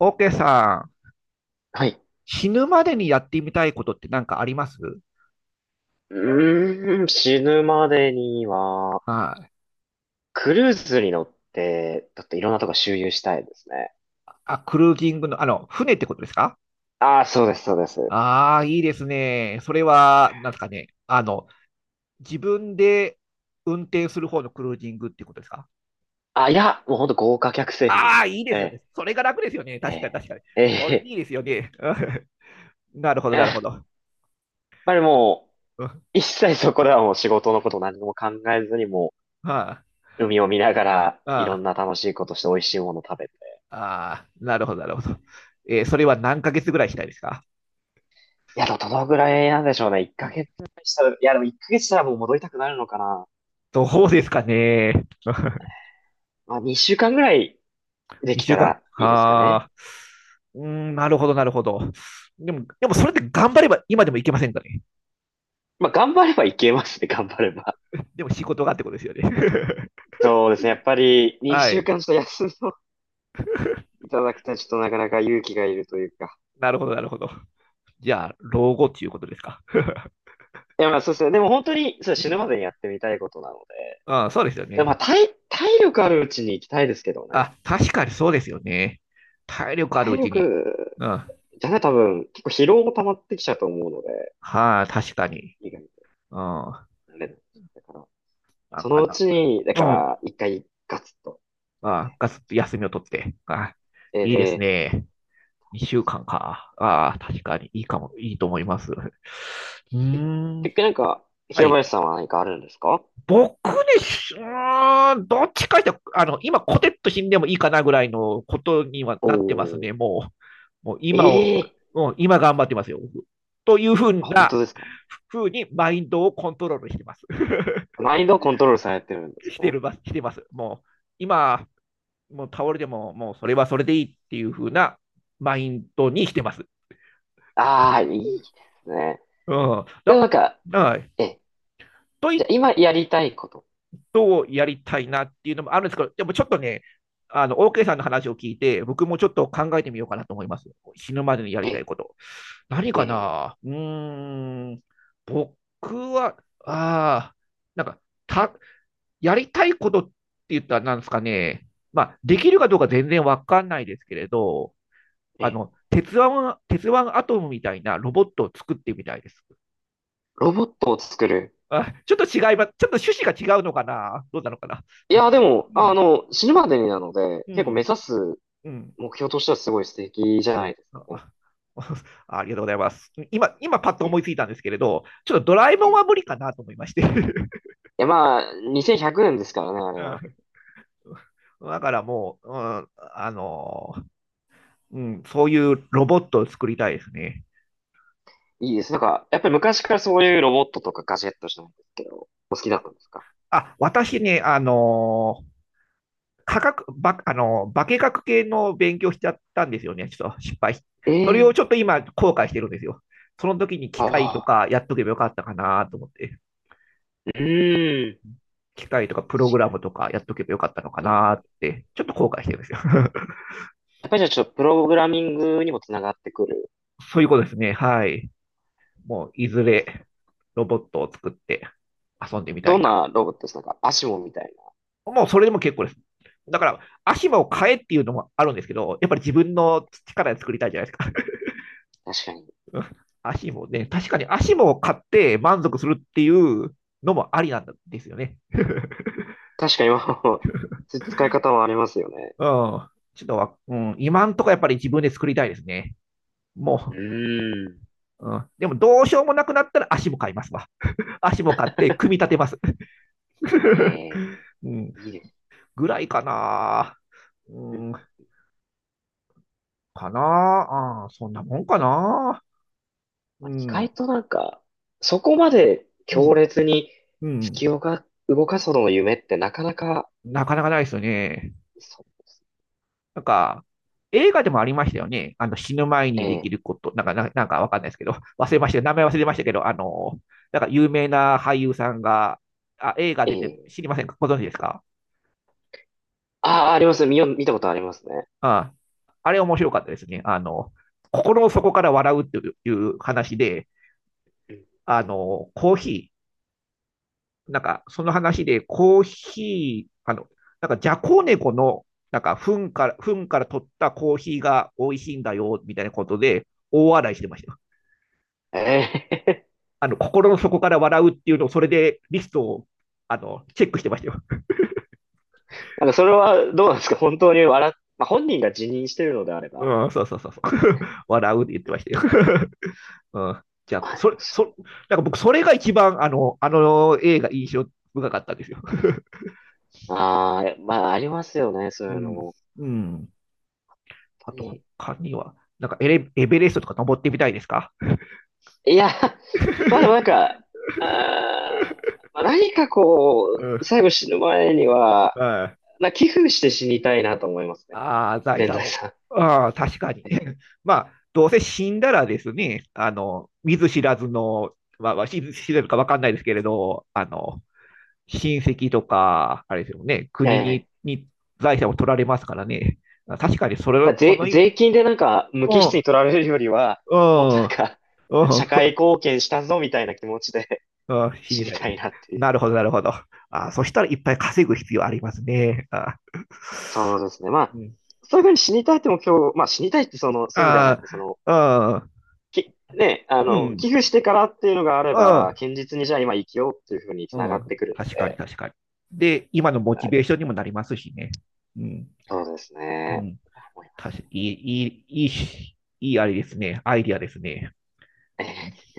オーケーさん、はい。死ぬまでにやってみたいことって何かあります死ぬまでには、はい。クルーズに乗って、だっていろんなとこ周遊したいですね。あ、クルージングの、船ってことですか？ああ、そうです、そうです。ああー、いいですね。それは、なんですかね。自分で運転する方のクルージングっていうことですか？いや、もうほんと豪華客船にあ乗っあー、いいですよね。て、それが楽ですよね。確かに、え確かに。ー、それえいいですよね。うん。なるほど、やなるほっど。ぱりもう、うん。一切そこではもう仕事のこと何も考えずにもはい。う、海を見ながら、いろああ、んな楽しいことして美味しいもの食べて。ああ、なるほど、なるほど。それは何ヶ月ぐらいしたいですか？いや、でもどのぐらいなんでしょうね。1ヶ月したら、いや、でも1ヶ月したらもう戻りたくなるのかな。どうですかね。まあ、2週間ぐらいでき2た週間。らいいですかはね。あ。うーん、なるほど、なるほど。でもそれって頑張れば今でもいけませんかね。まあ、頑張ればいけますね、頑張れば。でも仕事がってことですよね。そうですね。やっぱり、は2週い。間ちょっと休んでいただくとちょっとなかなか勇気がいるというか。なるほど、なるほど。じゃあ、老後っていうことですか。いや、まあそうですね。でも本当に、そう、う死ぬまん。でにやってみたいことなので。ああ、そうですよで、まあ、ね。体力あるうちに行きたいですけどね。あ、確かにそうですよね。体力ある体うちに。力、うん。じゃね、多分、結構疲労も溜まってきちゃうと思うので、はあ、確かに。意外にうん。ななれない。だから、んそかのうな。ちに、だうん。かあら、一回ガツッと。あ、がっつり休みを取って。ああ、いいですええ、ね。2週間か。ああ、確かにいいかも、いいと思います。うーん。結局なんか、は平い。林さんは何かあるんですか？僕でし、どっちかって、今、コテッと死んでもいいかなぐらいのことにはおなってますー、ね。もうえ今を、え、もう今頑張ってますよ、僕。というふうあ、本な、当ですか？ふうにマインドをコントロールしてます。マインドをコントロールされてるんですね。してます。もう、今、もう倒れても、もうそれはそれでいいっていうふうなマインドにしてます。ああ、いいですね。うん。でもなんか、はい。え、と言じゃあっ今やりたいこと。とやりたいなっていうのもあるんですけど、でもちょっとね、OK さんの話を聞いて、僕もちょっと考えてみようかなと思います。死ぬまでにやりえ、たいこと。何かえな。うーん、僕は、ああ、なんか、た、やりたいことって言ったらなんですかね、まあ、できるかどうか全然わかんないですけれど、ー、あえ、の、鉄腕、鉄腕アトムみたいなロボットを作ってみたいです。ロボットを作る。あ、ちょっと違います。ちょっと趣旨が違うのかな、どうなのかな。いや、でも、うあん、の、死ぬまでになので、う結構目ん、指すうん。目標としてはすごい素敵じゃないですかあ、あ。 ありがとうございます。今パッと思ね。いついたんですけれど、ちょっとドラえもんいは無理かなと思いまして。や、まあ、2100年ですからね、あうれは。ん。だからもう、うん、あの、うん、そういうロボットを作りたいですね。いいです。なんか、やっぱり昔からそういうロボットとかガジェットじゃないんですけど、お好きだったあ、んですか？あ、私ね、科学、ば、あの、化学系の勉強しちゃったんですよね。ちょっと失敗し。えそれをちょっえ、と今後悔してるんですよ。その時に機あ械とあ、かやっとけばよかったかなと思って。うーん、機械とかプロ確グラかムとかやっとけばよかったのかに。なえっー、て、ちょっと後悔してるんですよ。やっぱりじゃあちょっとプログラミングにもつながってくるそういうことですね。はい。もう、いんずです。れロボットを作って遊んでみたどいんな。なロボットですか？なんか、アシモみたいもう、それでも結構です。だから、足も買えっていうのもあるんですけど、やっぱり自分の力で作りたいじゃないですか。な。確かに。足もね、確かに足も買って満足するっていうのもありなんですよね。確かに、今の 使い方はありますよね。うん。ちょっと、うん、今んとこやっぱり自分で作りたいですね。うもーん。う、うん、でもどうしようもなくなったら足も買いますわ。足も買って組み 立てます。ええ、うん、いいですぐらいかな。ね。うん、うん、かな。あ、そんなもんかな。まうあ意ん、外となんか、そこまでう強ん、烈にうん。月をが動かすほどの夢ってなかなか、なかなかないですよね。そう、なんか、映画でもありましたよね。あの、死ぬ前えにできえ、ること、なんか、なんかわかんないですけど、忘れました。名前忘れましたけど、あの、なんか有名な俳優さんが、あ、映画え出てる、え、知りませんか、ご存知ですか？ああ、あります。見たことありますね。ああ、れ面白かったですね。あの、心の底から笑うっていう話で、うん、あの、コーヒー、なんか、その話で、コーヒー、あの、なんか、ジャコネコの、なんか、糞から取ったコーヒーが美味しいんだよ、みたいなことで、大笑いしてましたよ。ええ、あの、心の底から笑うっていうのを、それでリストを、あの、チェックしてましたよ。なんかそれはどうなんですか？本当に笑っ、まあ、本人が辞任してるのであれば、うん、そうそうそうそう。笑うって言ってましたよ。うん。じゃまあ、あでそもれ、そそ、なんか僕、それが一番、あの映画印象深かったんですよ。う。ああ、まあありますよね、そうういうのも。ん。やっうん。あぱとり。他には、なんかエベレストとか登ってみたいですか？ いや、まあでもなん か、あー、まあ、何かこうう、ん。最後死ぬ前には、はい。な寄付して死にたいなと思いますね。ああ、財全産財を。産。ああ、確かに。まあ、どうせ死んだらですね、あの、見ず知らずの、まあ、知らずかわかんないですけれど、あの、親戚とか、あれですよね、ええ。に財産を取られますからね。確かに、それ、そ税、の意味、税金でなんか無う機質にん、取られるよりは、うもっとん、なうんん、か、社会貢献したぞみたいな気持ちで うん、死死ににたたいい。なっていう。なるほど、なるほど。あ、そしたらいっぱい稼ぐ必要ありますね。あ、そうですね。まうあ、ん。そういうふうに死にたいって目標、まあ死にたいってその、そういう意味ではなあく、その、あ、ね、あうん、の、寄付うん、してからっていうのがあれば、堅実にじゃあ今生きようっていうふうにう繋ん、がうっん。てくるの確かに、で、確かに。で、今のモチはい、ベーションにもなりますしね。うん、そうですうね。ん。思いま確すかいい、いい、いいし、いい、あれですね。アイディアですね。ね。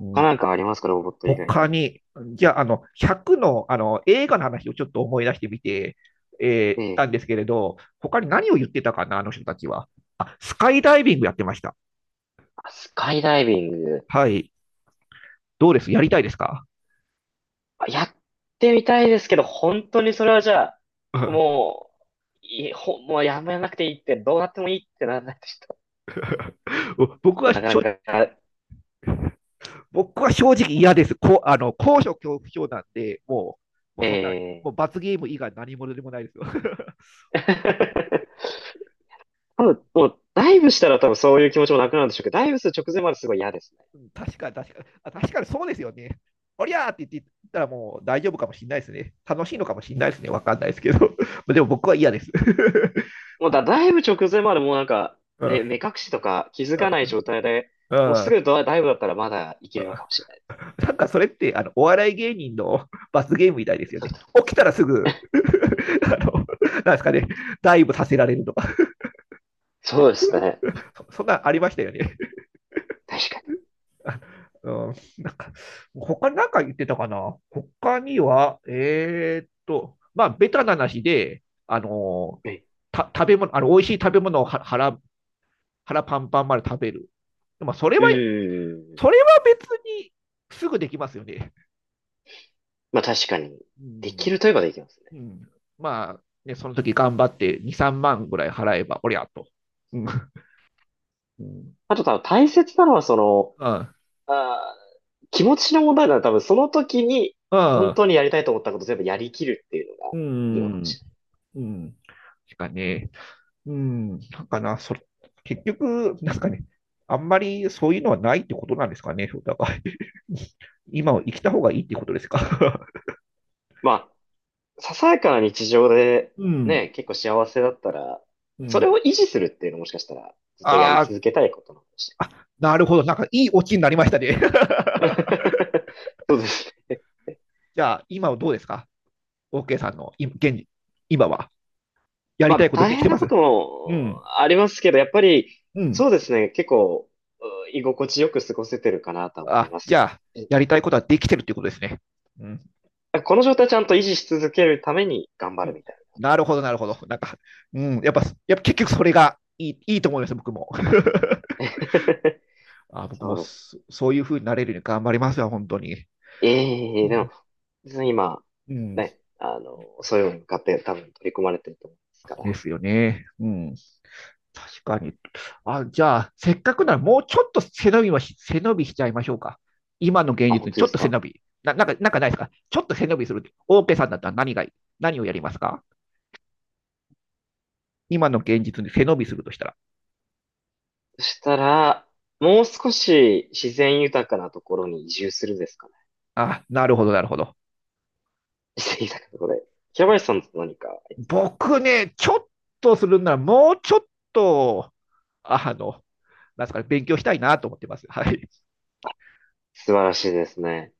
う他ん、なんかありますか、ロボット以外他で。に、じゃあ、あの、100の、あの、映画の話をちょっと思い出してみて、たえんえ、ですけれど、他に何を言ってたかな、あの人たちは。あ、スカイダイビングやってました。あ、スカイダイビング。はい。どうです、やりたいですか？ あ、やってみたいですけど、本当にそれはじゃあ、もう、もうやめなくていいって、どうなってもいいってならないとちょっ僕と、はなかな正か、僕は正直嫌です。こ、あの、高所恐怖症なんで、もう、もうえそんな、もえ。 う罰ゲーム以外何者でもないですよ。多分、もう、ダイブしたら多分そういう気持ちもなくなるんでしょうけど、ダイブする直前まですごい嫌ですね。確かに、確かに、あ、確かにそうですよね。おりゃーって言ったらもう大丈夫かもしれないですね。楽しいのかもしれないですね。わかんないですけど。でも僕は嫌です。もうだ、だいぶ直前までもうなんか、うん、うね、ん、目隠しとか気づかない状態で、うもうすん。ぐドダイブだったらまだいけるのかもしれない。なんかそれってあのお笑い芸人の罰ゲームみたいですよね。起きたらすぐ。 あの、なんですかね、ダイブさせられるとか、そうですね。そ、そんなんありましたよね。確かうん、なんか、他なんか言ってたかな、他には、まあ、ベタな話で、あの、に。食べ物、あの、美味しい食べ物を、は腹、腹パンパンまで食べる。でも、それうん。うは、ーん、それは別にすぐできますよね。まあ確かに。うでん。きるといえばできますね。うん。まあ、ね、その時頑張って2、3万ぐらい払えば、おりゃと。うん。うん。あと多分大切なのはその、あー、気持ちの問題な多分その時にう本ん。当にやりたいと思ったこと全部やりきるっていうのうがいいのかもん。しうん。しかね。うん、なんかな、それ、結局、なんかね、あんまりそういうのはないってことなんですかね、お互い。今をれな生い。うきたん。方がいいってことですか。まあささやかな日常で うん、ね、結構幸せだったら、うそれん。を維持するっていうのもしかしたらずっとやりあー、続けたいことなのかもしあ、なるほど、なんかいいオチになりましたね。れない。 そうですね。じゃあ、今はどうですか？ OK さんの今現時今は。やりまたいあこと大でき変てまなこすともうん、ありますけど、やっぱりうん。そうですね、結構う居心地よく過ごせてるかなとは思いあ、ますじゃあ、ね。うん、やりたいことはできてるっていうことですね。うん、この状態ちゃんと維持し続けるために頑う張るん。みたいなるほど、なるほど。なんか、うん、やっぱ結局それがいいと思います、僕も。な。あ、僕そもうです。そういう風になれるように頑張りますよ、本当に。ええでも、別に今、うん、ね、あの、そういうのに向かって多分取り組まれてると思うんですかでら。すよね。うん、確かに。あ、じゃあ、せっかくならもうちょっと背伸びしちゃいましょうか。今の現あ、実本に当ちでょっすと背か？伸び。なんか、なんかないですか、ちょっと背伸びする。オーケーさんだったら何がいい、何をやりますか、今の現実に背伸びするとしたら。そしたら、もう少し自然豊かなところに移住するですかね。あ、なるほど、なるほど。自然豊かなところで。平林さんと何かあります？僕ね、ちょっとするならもうちょっと、あの、なんですかね、勉強したいなと思ってます。はい。素晴らしいですね。